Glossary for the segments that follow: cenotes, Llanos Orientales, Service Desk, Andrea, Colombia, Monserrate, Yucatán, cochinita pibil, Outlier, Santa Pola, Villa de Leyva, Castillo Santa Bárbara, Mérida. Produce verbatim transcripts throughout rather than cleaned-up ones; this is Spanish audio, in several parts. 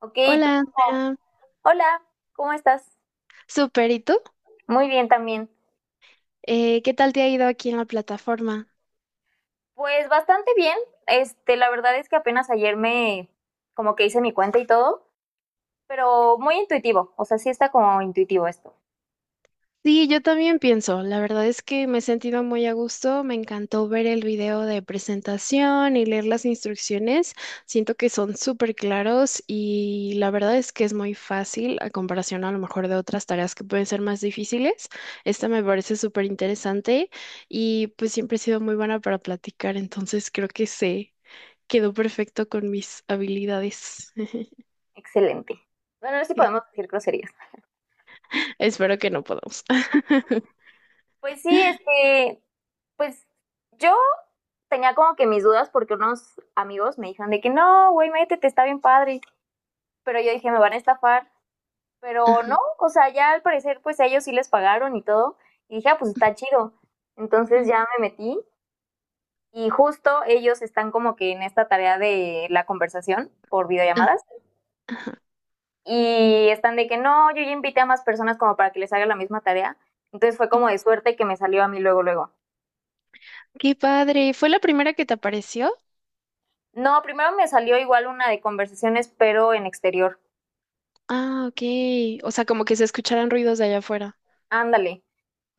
Ok, ¿tú? Hola, Andrea. Hola, ¿cómo estás? Súper, ¿y tú? Muy bien también. Eh, ¿qué tal te ha ido aquí en la plataforma? Pues bastante bien. Este, la verdad es que apenas ayer me como que hice mi cuenta y todo, pero muy intuitivo. O sea, sí está como intuitivo esto. Sí, yo también pienso. La verdad es que me he sentido muy a gusto. Me encantó ver el video de presentación y leer las instrucciones. Siento que son súper claros y la verdad es que es muy fácil a comparación a lo mejor de otras tareas que pueden ser más difíciles. Esta me parece súper interesante y pues siempre he sido muy buena para platicar, entonces creo que se quedó perfecto con mis habilidades. Excelente. Bueno, no sé si podemos decir groserías. Espero que no podamos. Pues sí, este, pues yo tenía como que mis dudas porque unos amigos me dijeron de que no, güey, métete, está bien padre. Pero yo dije, me van a estafar. Pero Ajá. no, o sea, ya al parecer, pues a ellos sí les pagaron y todo. Y dije, ah, pues está chido. Entonces ya me metí y justo ellos están como que en esta tarea de la conversación por videollamadas y están de que no, yo ya invité a más personas como para que les haga la misma tarea. Entonces fue como de suerte que me salió a mí luego, luego. Qué padre. ¿Fue la primera que te apareció? No, primero me salió igual una de conversaciones, pero en exterior. Ah, ok. O sea, como que se escucharan ruidos de allá afuera. Ándale.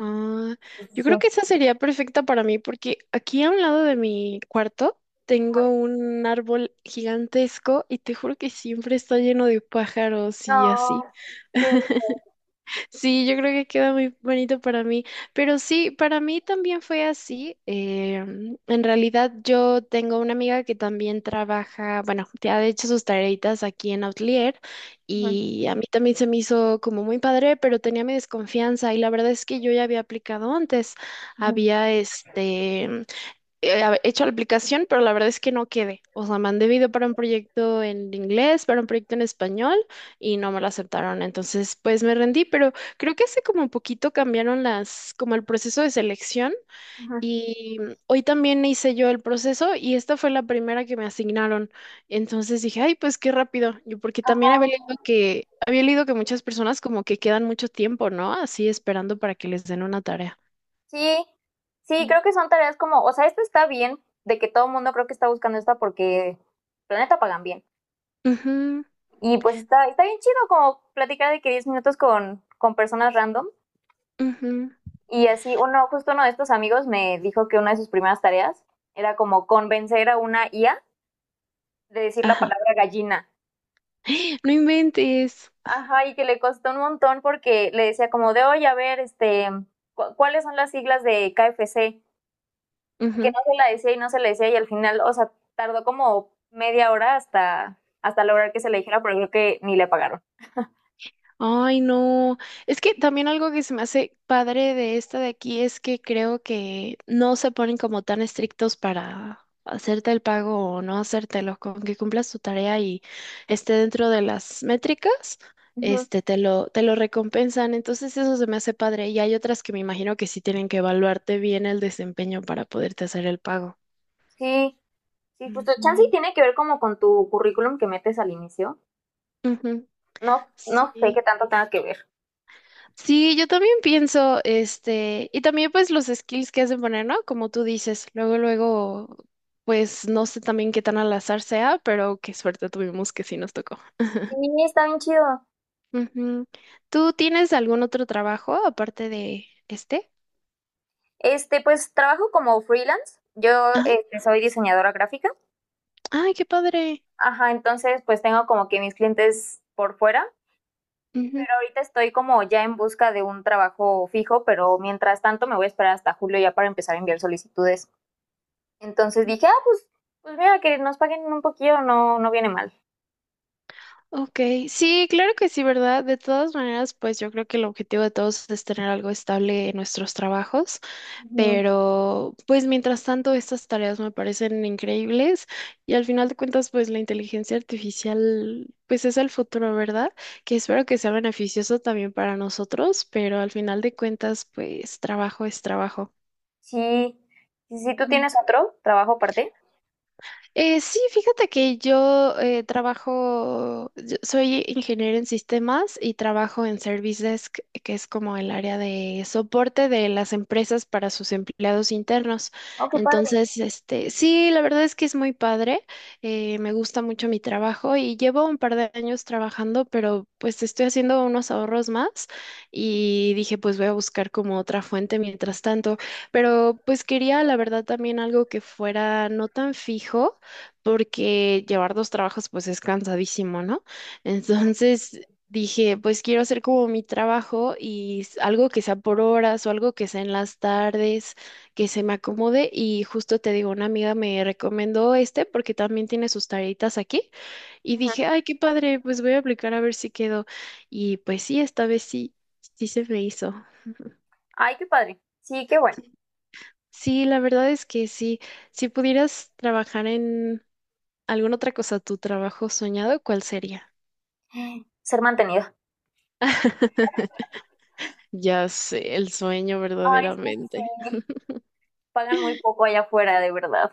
Ah, yo Sí. creo que esa sería perfecta para mí porque aquí a un lado de mi cuarto tengo un árbol gigantesco y te juro que siempre está lleno de pájaros y así. No. qué- Sí, yo creo que queda muy bonito para mí, pero sí, para mí también fue así. eh, en realidad yo tengo una amiga que también trabaja, bueno, que ha hecho sus tareitas aquí en Outlier Ujú, y a mí también se me hizo como muy padre, pero tenía mi desconfianza y la verdad es que yo ya había aplicado antes. ujú, Había este eh, hab- hecho la aplicación, pero la verdad es que no quedé. O sea, mandé video para un proyecto en inglés, para un proyecto en español y no me lo aceptaron. Entonces, pues me rendí, pero creo que hace como un poquito cambiaron las, como el proceso de selección ujú. y mm, hoy también hice yo el proceso y esta fue la primera que me asignaron. Entonces dije, ay, pues qué rápido. Yo porque también había leído que, había leído que muchas personas como que quedan mucho tiempo, ¿no? Así esperando para que les den una tarea. Sí, sí, Mm. creo que son tareas como, o sea, esta está bien, de que todo el mundo creo que está buscando esta porque planeta pagan bien. Ujú, Y pues está, está bien chido como platicar de que diez minutos con, con personas random. ujú. Y así, uno, justo uno de estos amigos me dijo que una de sus primeras tareas era como convencer a una I A de decir la Ajá. palabra gallina. No inventes. Ajá, y que le costó un montón porque le decía como de, oye, a ver, este, cu- ¿cuáles son las siglas de K F C? Y que Ujú. no se la decía y no se la decía y al final, o sea, tardó como media hora hasta, hasta lograr que se le dijera, pero creo que ni le pagaron. Ay, no. Es que también algo que se me hace padre de esta de aquí es que creo que no se ponen como tan estrictos para hacerte el pago o no hacértelo, con que cumplas tu tarea y esté dentro de las métricas, Ujú. este te lo te lo recompensan. Entonces eso se me hace padre y hay otras que me imagino que sí tienen que evaluarte bien el desempeño para poderte hacer el pago. Sí, sí, justo. Chance y Ujú. tiene que ver como con tu currículum que metes al inicio. Ujú. No, no sé qué Sí. tanto tenga que ver. Sí, yo también pienso, este, y también pues los skills que has de poner, ¿no? Como tú dices, luego, luego, pues no sé también qué tan al azar sea, pero qué suerte tuvimos que sí nos tocó. Sí, está bien chido. Ujú. ¿Tú tienes algún otro trabajo aparte de este? Este, pues trabajo como freelance. Yo Ajá. este, soy diseñadora gráfica. Ay, qué padre. Ajá, entonces pues tengo como que mis clientes por fuera. Ujú. Pero ahorita estoy como ya en busca de un trabajo fijo, pero mientras tanto me voy a esperar hasta julio ya para empezar a enviar solicitudes. Entonces dije, ah, pues, pues mira, que nos paguen un poquillo, no, no viene mal. Ok, sí, claro que sí, ¿verdad? De todas maneras, pues yo creo que el objetivo de todos es tener algo estable en nuestros trabajos. Ujú. Pero, pues mientras tanto, estas tareas me parecen increíbles y al final de cuentas, pues la inteligencia artificial, pues es el futuro, ¿verdad? Que espero que sea beneficioso también para nosotros, pero al final de cuentas, pues trabajo es trabajo. Sí, sí, sí, tú Mm. tienes otro trabajo aparte. Eh, sí, fíjate que yo eh, trabajo, yo soy ingeniero en sistemas y trabajo en Service Desk, que es como el área de soporte de las empresas para sus empleados internos. Oh, qué padre. Entonces, este, sí, la verdad es que es muy padre, eh, me gusta mucho mi trabajo y llevo un par de años trabajando, pero pues estoy haciendo unos ahorros más y dije, pues voy a buscar como otra fuente mientras tanto, pero pues quería, la verdad, también algo que fuera no tan fijo porque llevar dos trabajos pues es cansadísimo, ¿no? Entonces dije, pues quiero hacer como mi trabajo y s- algo que sea por horas o algo que sea en las tardes, que se me acomode y justo te digo, una amiga me recomendó este porque también tiene sus tareitas aquí y Ujú. dije, ay, qué padre, pues voy a aplicar a ver si quedo y pues sí, esta vez sí, sí se me hizo. Ay, qué padre. Sí, qué bueno. Sí, sí, la verdad es que sí, si pudieras trabajar en alguna otra cosa, tu trabajo soñado, ¿cuál sería? Ser mantenida. Ya sé, el sueño Ay, es que verdaderamente. sí. Pagan muy poco allá afuera, de verdad.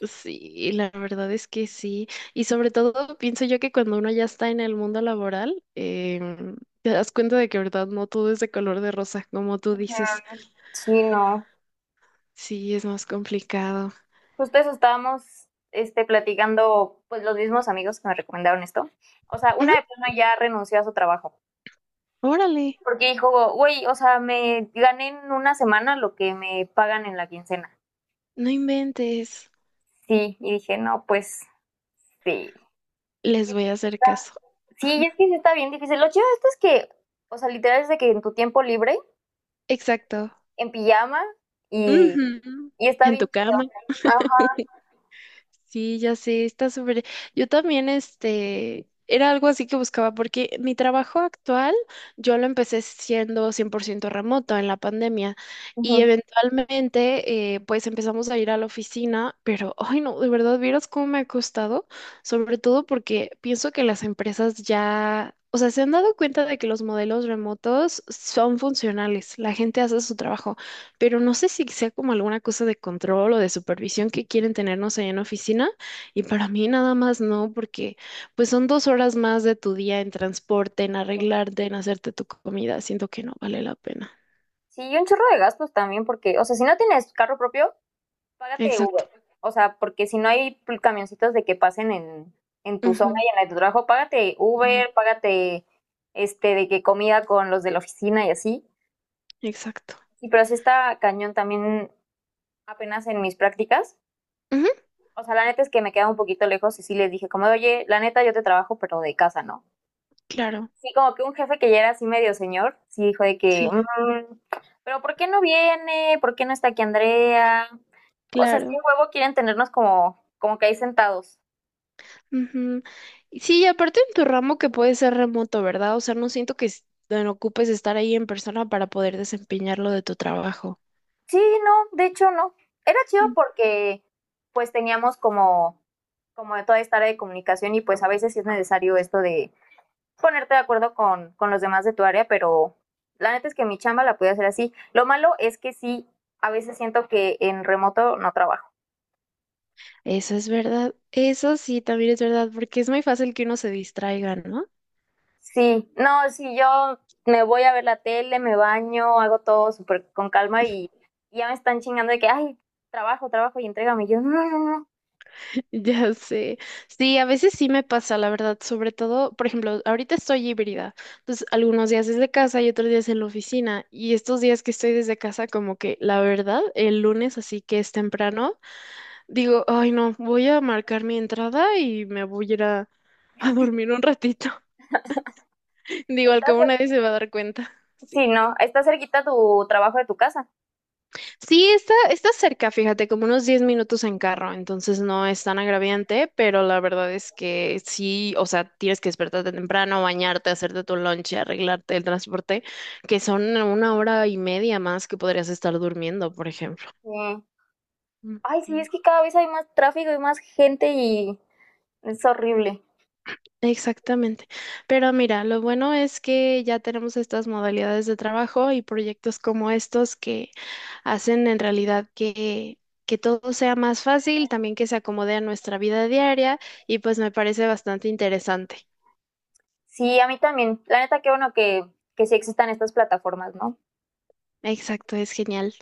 Sí, la verdad es que sí. Y sobre todo pienso yo que cuando uno ya está en el mundo laboral, em, te das cuenta de que, verdad, no todo es de color de rosa, como tú Ujú. dices. Sí, no. Sí, es más complicado. Justo eso estábamos este, platicando, pues los mismos amigos que me recomendaron esto. O sea, una Ujú. de plano ya renunció a su trabajo. Órale, Porque dijo, güey, o sea, me gané en una semana lo que me pagan en la quincena. no inventes. Sí, y dije, no, pues sí. Y Les voy está, a hacer caso. sí, y es que sí está bien difícil. Lo chido de esto es que, o sea, literal es de que en tu tiempo libre, Exacto. en pijama, y, Ujú. y está En tu bien chido. cama. Ajá. Sí, ya sé, está súper. Yo también, este, era algo así que buscaba, porque mi trabajo actual, yo lo empecé siendo cien por ciento remoto en la pandemia y Ujú. eventualmente, eh, pues empezamos a ir a la oficina, pero, ay no, de verdad, vieras cómo me ha costado, sobre todo porque pienso que las empresas ya, o sea, se han dado cuenta de que los modelos remotos son funcionales, la gente hace su trabajo pero no sé si sea como alguna cosa de control o de supervisión que quieren tenernos allá en la oficina. Y para mí nada más no, porque pues son dos horas más de tu día en transporte, en arreglarte, en hacerte tu comida. Siento que no vale la pena. Sí, y un chorro de gastos también, porque, o sea, si no tienes carro propio, págate Exacto. Uber. O sea, porque si no hay pl- camioncitos de que pasen en, en tu zona Ujú, y en la de tu trabajo, págate ujú. Uber, págate este de que comida con los de la oficina y así. Exacto. Sí, pero sí está cañón también apenas en mis prácticas. Ujú. O sea, la neta es que me queda un poquito lejos y sí les dije como, de, oye, la neta yo te trabajo, pero de casa, ¿no? Claro, Sí, como que un jefe que ya era así medio señor, sí dijo de que, sí, "Mm, pero ¿por qué no viene? ¿Por qué no está aquí Andrea? O sea, sí, claro. huevo quieren tenernos como, como que ahí sentados. Ujú. Y sí, y aparte en tu ramo que puede ser remoto, ¿verdad? O sea, no siento que s- te ocupes estar ahí en persona para poder desempeñar lo de tu trabajo. Sí, no, de hecho no. Era chido porque pues teníamos como, como de toda esta área de comunicación y pues a veces sí es necesario esto de ponerte de acuerdo con, con los demás de tu área, pero la neta es que mi chamba la pude hacer así. Lo malo es que sí, a veces siento que en remoto no trabajo. Eso es verdad, eso sí, también es verdad, porque es muy fácil que uno se distraiga, ¿no? Sí, no, si yo me voy a ver la tele, me baño, hago todo súper con calma y ya me están chingando de que, ay, trabajo, trabajo y entrégame. Y yo, no, no, no, no, Ya sé. Sí, a veces sí me pasa, la verdad, sobre todo, por ejemplo, ahorita estoy híbrida, entonces algunos días desde casa y otros días en la oficina, y estos días que estoy desde casa, como que la verdad, el lunes, así que es temprano, digo, ay no, voy a marcar mi entrada y me voy a ir a, a, dormir un ratito. Digo, al cabo estás nadie se va a dar cuenta. Sí. sí, no, está cerquita tu trabajo de tu casa. Sí, está, está cerca, fíjate, como unos diez minutos en carro, entonces no es tan agraviante, pero la verdad es que sí, o sea, tienes que despertarte temprano, bañarte, hacerte tu lunch, arreglarte el transporte, que son una hora y media más que podrías estar durmiendo, por ejemplo. Sí. Mm. Ay, sí, es que cada vez hay más tráfico y más gente y es horrible. Exactamente. Pero mira, lo bueno es que ya tenemos estas modalidades de trabajo y proyectos como estos que hacen en realidad que, que todo sea más fácil, también que se acomode a nuestra vida diaria y pues me parece bastante interesante. Sí, a mí también. La neta, qué bueno que, que sí existan estas plataformas, ¿no? Exacto, es genial.